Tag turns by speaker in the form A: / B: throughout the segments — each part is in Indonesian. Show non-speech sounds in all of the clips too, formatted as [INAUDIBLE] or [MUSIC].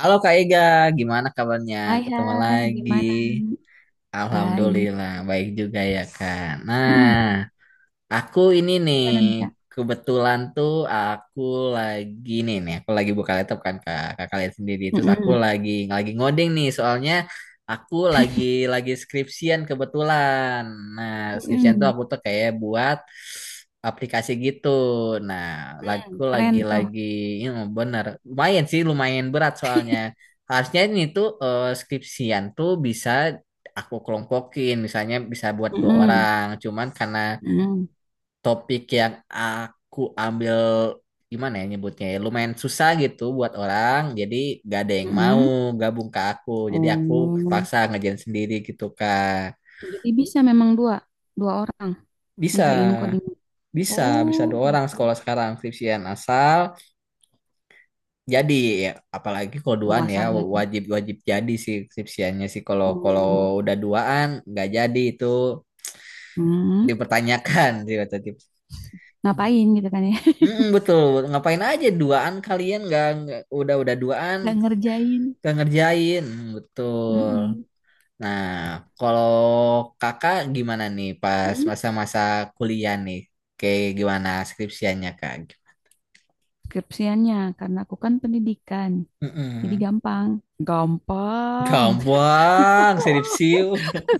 A: Halo Kak Ega, gimana kabarnya?
B: Hai,
A: Ketemu
B: hai,
A: lagi.
B: gimana? Baik.
A: Alhamdulillah, baik juga ya Kak. Nah,
B: Mm-mm.
A: Aku ini nih,
B: Gimana nih, Kak?
A: kebetulan tuh aku lagi nih nih aku lagi buka laptop kan kak, kakak lihat sendiri. Terus aku
B: Mm-mm,
A: lagi ngoding nih, soalnya aku lagi skripsian kebetulan. Nah, skripsian tuh
B: mm-mm.
A: aku tuh kayak buat aplikasi gitu. Nah,
B: Mm,
A: aku
B: keren
A: lagi
B: tuh.
A: lagi ini, bener lumayan sih, lumayan berat. Soalnya harusnya ini tuh skripsian tuh bisa aku kelompokin, misalnya bisa buat dua
B: Mm-mm,
A: orang, cuman karena
B: mm-mm,
A: topik yang aku ambil, gimana ya nyebutnya ya, lumayan susah gitu buat orang, jadi gak ada yang mau
B: mm-mm.
A: gabung ke aku, jadi aku
B: Oh,
A: terpaksa ngerjain sendiri gitu kak.
B: jadi bisa memang dua, dua orang
A: bisa
B: ngerjain coding.
A: bisa bisa
B: Oh,
A: dua orang
B: gitu.
A: sekolah sekarang skripsian asal jadi ya, apalagi kalau
B: Oh,
A: duaan ya
B: asal jadi.
A: wajib wajib jadi sih skripsiannya sih. Kalau kalau
B: Oh,
A: udah duaan nggak jadi itu
B: mm.
A: dipertanyakan sih kata dia.
B: Ngapain gitu kan ya?
A: Mm-mm, betul. Ngapain aja duaan kalian udah duaan
B: [LAUGHS] Nggak ngerjain.
A: nggak ngerjain. Betul.
B: Mm-mm.
A: Nah, kalau kakak gimana nih pas
B: Mm.
A: masa-masa kuliah nih? Kayak gimana skripsiannya kak?
B: Skripsiannya, karena aku kan pendidikan, jadi
A: Mm-mm.
B: gampang. Gampang.
A: Gampang, sirip
B: [LAUGHS]
A: siu.
B: [LAUGHS]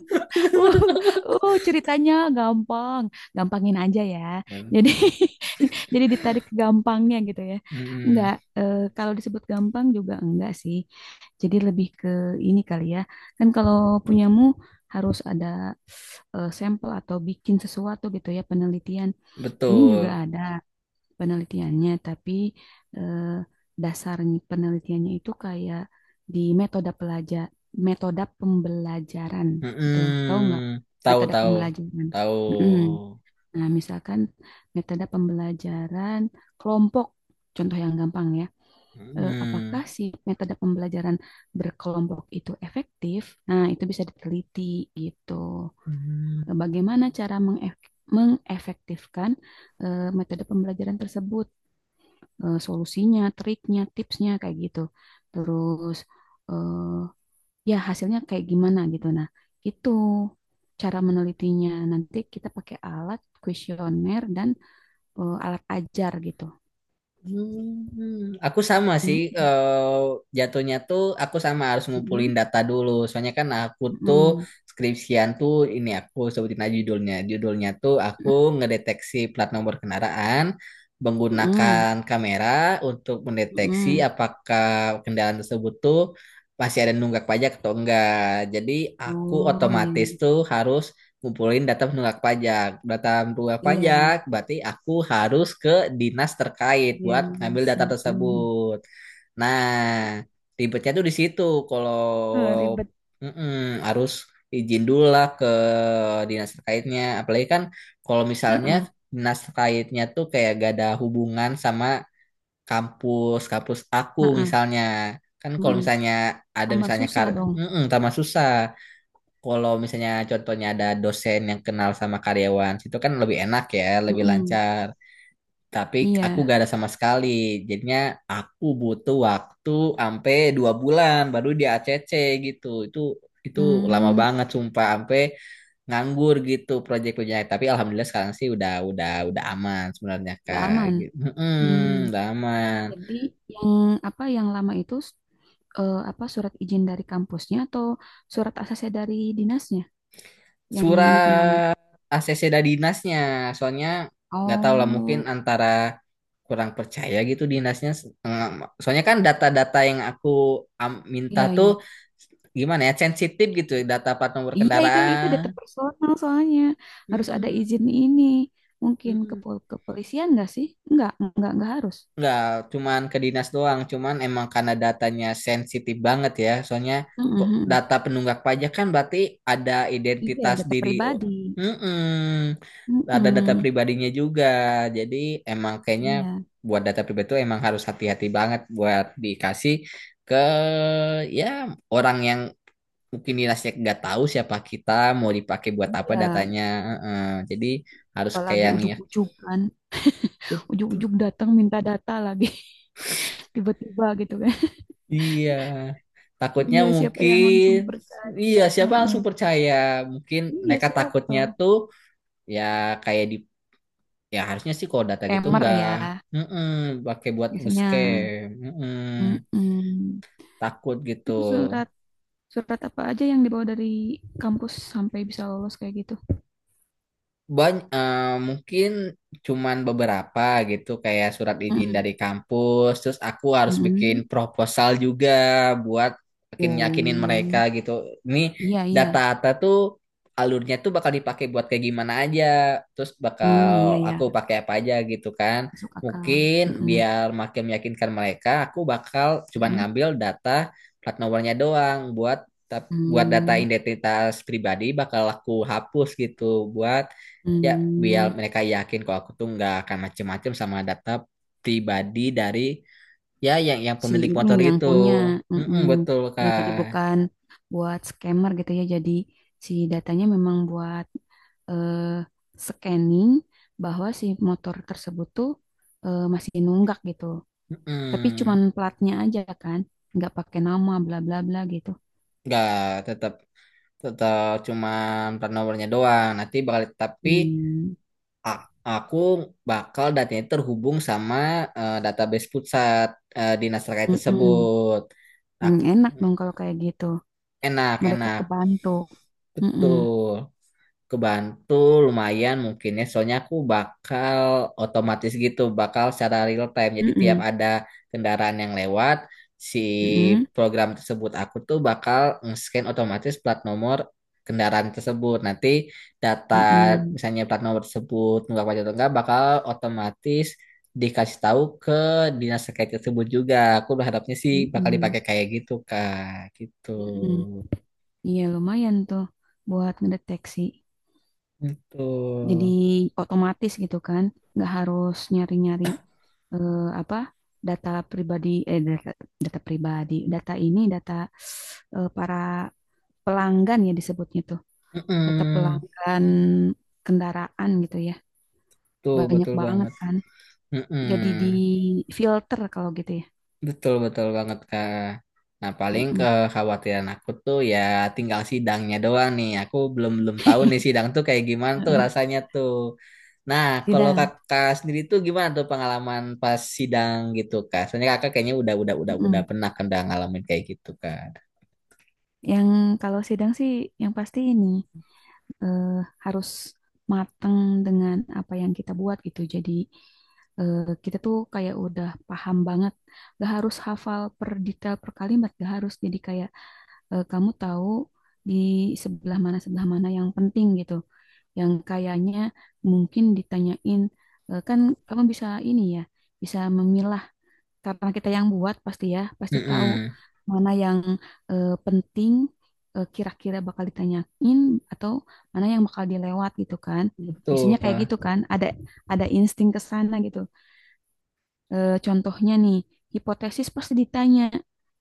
B: Uh, ceritanya gampang, gampangin aja ya. Jadi
A: Mm-mm.
B: [LAUGHS] jadi ditarik ke gampangnya gitu ya. Enggak
A: Mm-mm.
B: kalau disebut gampang juga enggak sih. Jadi lebih ke ini kali ya. Kan kalau punyamu harus ada sampel atau bikin sesuatu gitu ya penelitian. Ini juga
A: Betul.
B: ada penelitiannya, tapi eh, dasarnya penelitiannya itu kayak di metode pembelajaran gitu. Tahu
A: Mm-mm.
B: nggak?
A: Tahu
B: Metode
A: tahu
B: pembelajaran.
A: tahu.
B: Mm-mm. Nah, misalkan metode pembelajaran kelompok, contoh yang gampang ya. Eh,
A: Mm-mm.
B: apakah si metode pembelajaran berkelompok itu efektif? Nah, itu bisa diteliti gitu. Bagaimana cara mengefektifkan metode pembelajaran tersebut? Solusinya, triknya, tipsnya kayak gitu. Terus eh, ya hasilnya kayak gimana gitu. Nah, itu cara menelitinya. Nanti kita pakai alat kuesioner dan alat ajar gitu.
A: Aku sama sih,
B: Mm,
A: jatuhnya tuh aku sama harus ngumpulin
B: mm,
A: data dulu. Soalnya kan aku tuh
B: mm,
A: skripsian tuh, ini aku sebutin aja judulnya. Judulnya tuh aku ngedeteksi plat nomor kendaraan
B: mm, mm,
A: menggunakan kamera untuk mendeteksi
B: mm.
A: apakah kendaraan tersebut tuh masih ada nunggak pajak atau enggak. Jadi aku
B: Oh iya,
A: otomatis tuh harus ngumpulin data penunggak pajak. Data penunggak pajak
B: iya,
A: berarti aku harus ke dinas terkait
B: iya,
A: buat ngambil data
B: langsung. Mm.
A: tersebut. Nah, ribetnya tuh di situ. Kalau
B: Eh, ribet.
A: mm-mm, harus izin dulu lah ke dinas terkaitnya. Apalagi kan kalau misalnya
B: Heeh,
A: dinas terkaitnya tuh kayak gak ada hubungan sama kampus kampus aku
B: heeh,
A: misalnya. Kan kalau
B: heeh.
A: misalnya ada
B: Tambah
A: misalnya
B: susah dong.
A: mm-mm, tambah susah. Kalau misalnya contohnya ada dosen yang kenal sama karyawan, itu kan lebih enak ya, lebih
B: Heeh.
A: lancar. Tapi aku
B: Iya.
A: gak ada sama sekali. Jadinya aku butuh waktu sampai 2 bulan baru dia ACC gitu. Itu lama
B: Hmm,
A: banget sumpah, sampai nganggur gitu proyek-proyeknya. Tapi alhamdulillah sekarang sih udah udah aman sebenarnya
B: nggak
A: Kak.
B: aman.
A: Gitu.
B: Hmm.
A: Mm-mm, udah aman.
B: Jadi yang apa yang lama itu apa surat izin dari kampusnya atau surat ACC dari dinasnya yang bikin lama?
A: Surat ACC dari dinasnya. Soalnya nggak tahu lah, mungkin
B: Oh,
A: antara kurang percaya gitu dinasnya. Eh, Soalnya kan data-data yang aku minta
B: iya
A: tuh,
B: iya.
A: gimana ya, sensitif gitu data plat nomor
B: Iya itu data
A: kendaraan.
B: personal soalnya harus ada
A: Mm-mm,
B: izin ini. Mungkin ke
A: mm-mm.
B: kepolisian nggak sih? Nggak, nggak harus.
A: Nggak, cuman ke dinas doang. Cuman emang karena datanya sensitif banget ya. Soalnya kok
B: Mm-mm.
A: data penunggak pajak kan berarti ada
B: Iya,
A: identitas
B: data
A: diri.
B: pribadi.
A: Mm. Ada data
B: Mm-mm.
A: pribadinya juga. Jadi emang kayaknya
B: Iya,
A: buat data pribadi itu emang harus hati-hati banget buat dikasih ke, ya, orang yang mungkin dinasnya nggak tahu siapa kita, mau dipakai buat apa
B: iya.
A: datanya. Mm-mm. Jadi harus
B: Apalagi
A: kayaknya.
B: ujuk-ujuk kan, ujuk-ujuk datang minta data lagi [LAUGHS] tiba-tiba gitu kan.
A: Iya, takutnya
B: Iya, siapa yang langsung
A: mungkin,
B: percaya?
A: iya siapa
B: Heeh.
A: langsung percaya? Mungkin
B: Iya,
A: mereka
B: siapa?
A: takutnya tuh, ya kayak di, ya harusnya sih kalau data gitu
B: Scammer
A: nggak,
B: ya,
A: mm-mm, pakai buat
B: biasanya.
A: nge-scam, mm-mm,
B: Mm-mm.
A: takut gitu.
B: Itu surat surat apa aja yang dibawa dari kampus sampai bisa lolos kayak gitu?
A: Banyak, mungkin cuman beberapa gitu, kayak surat izin
B: Mm-mm.
A: dari kampus. Terus aku harus bikin
B: Mm-mm.
A: proposal juga buat makin yakinin mereka
B: Oh,
A: gitu. Ini
B: iya iya.
A: data-data tuh alurnya tuh bakal dipakai buat kayak gimana aja. Terus
B: Hmm, iya
A: bakal
B: iya.
A: aku pakai apa aja gitu kan.
B: Masuk akal.
A: Mungkin
B: Mm-mm.
A: biar makin meyakinkan mereka, aku bakal cuman
B: Mm-mm.
A: ngambil data plat nomornya doang. Buat buat data
B: Hmm.
A: identitas pribadi bakal aku hapus gitu, buat, ya,
B: Hmm.
A: biar mereka yakin kalau aku tuh nggak akan macem-macem sama data pribadi dari, ya, yang
B: Si
A: pemilik
B: ini
A: motor
B: yang
A: itu.
B: punya,
A: Mm-mm,
B: mm-mm.
A: betul
B: Ya jadi
A: kak.
B: bukan buat scammer gitu ya, jadi si datanya memang buat eh, scanning bahwa si motor tersebut tuh masih nunggak gitu, tapi cuman
A: Mm-mm.
B: platnya aja kan, nggak pakai nama bla bla bla gitu.
A: Nggak, tetap tetap cuman plat nomornya doang nanti, bakal, tapi
B: Hmm,
A: a- aku bakal datanya terhubung sama database pusat dinas terkait
B: mm-mm.
A: tersebut.
B: Hmm,
A: Aku
B: enak dong kalau kayak gitu.
A: enak
B: Mereka
A: enak
B: kebantu. Mm-mm.
A: betul, kebantu lumayan mungkin ya. Soalnya aku bakal otomatis gitu, bakal secara real time, jadi tiap
B: Mm-mm.
A: ada kendaraan yang lewat, si
B: Mm-mm.
A: program tersebut aku tuh bakal nge-scan otomatis plat nomor kendaraan tersebut. Nanti data,
B: Mm-mm.
A: misalnya plat nomor tersebut nunggak pajak atau enggak, bakal otomatis dikasih tahu ke dinas terkait tersebut juga. Aku berharapnya sih bakal
B: Mm-mm.
A: dipakai kayak gitu kak, gitu.
B: Mm-mm. Iya lumayan tuh buat ngedeteksi.
A: Gitu.
B: Jadi otomatis gitu kan, nggak harus nyari-nyari apa data pribadi, data pribadi, data para pelanggan ya disebutnya tuh, data
A: Mm-mm.
B: pelanggan kendaraan gitu ya,
A: Tuh,
B: banyak
A: betul
B: banget
A: banget.
B: kan.
A: Mm-mm.
B: Jadi di filter kalau gitu ya.
A: Betul, betul banget, Kak. Nah, paling
B: Mm-mm.
A: kekhawatiran aku tuh ya tinggal sidangnya doang nih. Aku belum belum tahu nih sidang tuh kayak gimana tuh
B: [LAUGHS]
A: rasanya tuh. Nah, kalau
B: Sidang.
A: kakak sendiri tuh gimana tuh pengalaman pas sidang gitu, Kak? Soalnya kakak kayaknya udah
B: Mm-mm.
A: pernah kan, udah ngalamin kayak gitu, Kak.
B: Yang kalau sidang sih yang pasti ini eh, harus matang dengan apa yang kita buat gitu. Jadi eh, kita tuh kayak udah paham banget. Gak harus hafal per detail per kalimat, gak harus. Jadi kayak kamu tahu di sebelah mana yang penting gitu. Yang kayaknya mungkin ditanyain kan kamu bisa ini ya, bisa memilah karena kita yang buat pasti ya pasti tahu
A: Mm-mm.
B: mana yang penting, kira-kira bakal ditanyain atau mana yang bakal dilewat gitu kan.
A: Betul,
B: Biasanya kayak
A: Kak.
B: gitu kan, ada insting ke sana gitu. Eh, contohnya nih, hipotesis pasti ditanya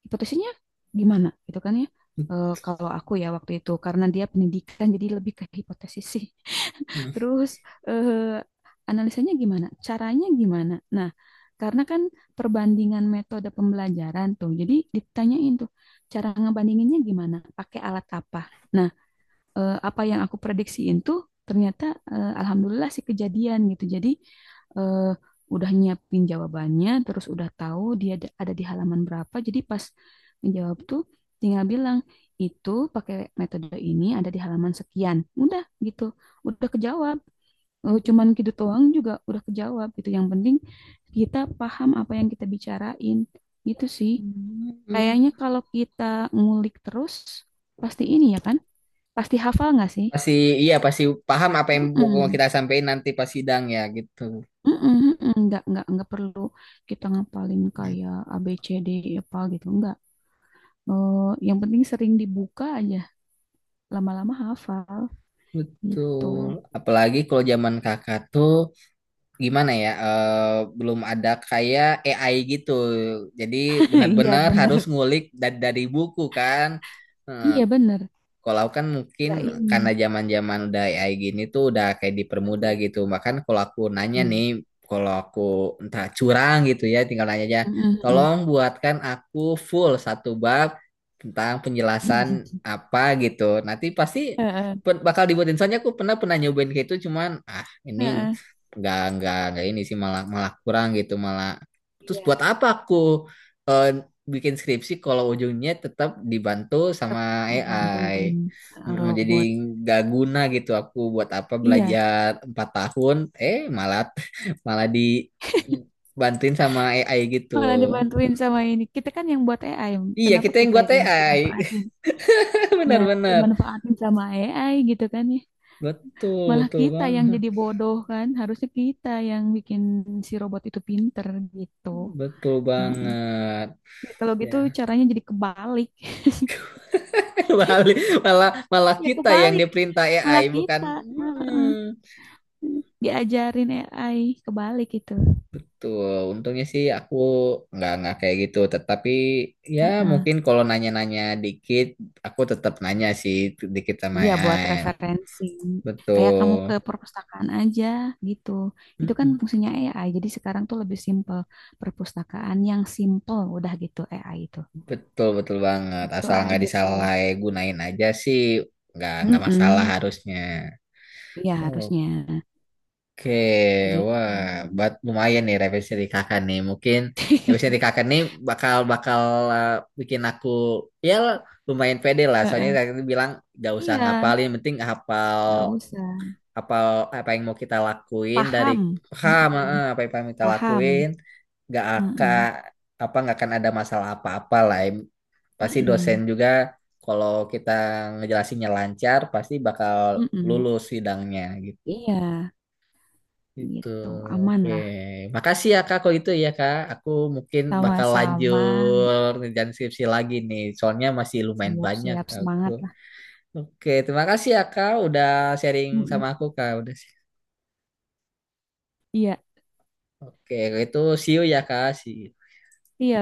B: hipotesisnya gimana gitu kan ya. Eh, kalau aku ya waktu itu karena dia pendidikan jadi lebih ke hipotesis sih.
A: Mm.
B: Terus eh, analisanya gimana? Caranya gimana? Nah, karena kan perbandingan metode pembelajaran tuh. Jadi ditanyain tuh, cara ngebandinginnya gimana? Pakai alat apa? Nah, apa yang aku prediksiin tuh ternyata alhamdulillah sih kejadian gitu. Jadi eh, udah nyiapin jawabannya, terus udah tahu dia ada di halaman berapa. Jadi pas menjawab tuh tinggal bilang itu pakai metode ini ada di halaman sekian. Udah gitu udah kejawab, cuman gitu doang juga udah kejawab gitu. Yang penting kita paham apa yang kita bicarain gitu sih.
A: Hmm.
B: Kayaknya kalau kita ngulik terus pasti ini ya kan? Pasti hafal nggak sih?
A: Pasti, iya pasti paham apa yang mau
B: Mm-mm.
A: kita sampaikan nanti pas sidang ya gitu.
B: Mm-mm, mm-mm. Nggak perlu kita ngapalin kayak A, B, C, D, E, apa gitu. Nggak. Eh, yang penting sering dibuka aja. Lama-lama hafal gitu.
A: Betul. Apalagi kalau zaman kakak tuh gimana ya? Belum ada kayak AI gitu. Jadi
B: [LAUGHS] Iya
A: benar-benar harus
B: bener.
A: ngulik dari buku kan. Eh,
B: Iya bener.
A: Kalau aku kan mungkin
B: Ya
A: karena
B: ini.
A: zaman-zaman udah AI gini tuh udah kayak dipermudah
B: Mm-mm,
A: gitu. Bahkan kalau aku nanya
B: mm-mm,
A: nih, kalau aku entah curang gitu ya, tinggal nanya aja,
B: mm-mm, mm-mm.
A: tolong buatkan aku full satu bab tentang penjelasan
B: [LAUGHS]
A: apa gitu. Nanti pasti
B: Heeh,
A: bakal dibuatin. Soalnya aku pernah pernah nyobain kayak itu, cuman ah ini
B: heeh.
A: nggak ini sih malah malah kurang gitu malah. Terus
B: Iya.
A: buat apa aku? eh, Bikin skripsi kalau ujungnya tetap dibantu sama
B: Tetap
A: AI.
B: dibantuin,
A: Mm, jadi
B: robot.
A: gak guna gitu aku buat apa
B: Iya,
A: belajar 4 tahun, eh malah [LAUGHS] malah dibantuin sama AI gitu.
B: malah dibantuin sama ini. Kita kan yang buat AI,
A: Iya
B: kenapa
A: kita yang
B: kita
A: buat
B: yang
A: AI,
B: dimanfaatin?
A: [LAUGHS]
B: Ya,
A: benar-benar
B: dimanfaatin sama AI gitu kan ya.
A: betul
B: Malah
A: betul
B: kita yang
A: banget,
B: jadi bodoh kan, harusnya kita yang bikin si robot itu pinter gitu.
A: betul
B: Mm.
A: banget.
B: Ya, kalau gitu
A: Ya.
B: caranya jadi kebalik. [LAUGHS]
A: [LAUGHS] Malah malah malah
B: Ya
A: kita yang
B: kebalik,
A: diperintah
B: malah
A: AI
B: kita,
A: bukan. Mm-mm.
B: mm, diajarin AI kebalik gitu.
A: Betul, untungnya sih aku nggak kayak gitu. Tetapi ya mungkin kalau nanya-nanya dikit, aku tetap nanya sih dikit sama
B: Iya,
A: ya.
B: buat referensi. Kayak kamu ke
A: Betul.
B: perpustakaan aja gitu. Itu kan
A: Mm-mm.
B: fungsinya AI. Jadi sekarang tuh lebih simple. Perpustakaan yang simple udah gitu AI itu.
A: betul betul banget.
B: Gitu
A: Asal nggak
B: aja sih.
A: disalahgunain aja sih, nggak masalah
B: Mm-mm.
A: harusnya.
B: Iya, harusnya
A: Oke,
B: gitu.
A: wah, buat lumayan nih revisi dari kakak nih. Mungkin revisi dari
B: [LAUGHS]
A: kakak nih bakal bakal eh, bikin aku, ya, lumayan pede lah. Soalnya
B: Heeh.
A: tadi bilang gak usah
B: Iya,
A: ngapalin, penting hafal
B: nggak usah.
A: hafal apa yang mau kita lakuin dari
B: Paham.
A: paham,
B: Mm-mm.
A: apa yang pengen kita
B: Paham.
A: lakuin. Gak akan
B: Mm-mm.
A: nggak akan ada masalah apa-apa lah. Pasti dosen
B: Mm-mm.
A: juga kalau kita ngejelasinnya lancar pasti bakal
B: Mm-mm.
A: lulus sidangnya.
B: Iya,
A: Gitu.
B: gitu. Aman
A: Oke.
B: lah.
A: Makasih ya Kak kalau itu ya Kak. Aku mungkin bakal
B: Sama-sama.
A: lanjut ngerjain skripsi lagi nih. Soalnya masih lumayan banyak
B: Siap-siap
A: aku.
B: semangat lah.
A: Oke, terima kasih ya Kak udah sharing sama
B: Mm-mm.
A: aku Kak. Udah.
B: Iya,
A: Oke, kalau itu see you ya Kak. See you.
B: iya,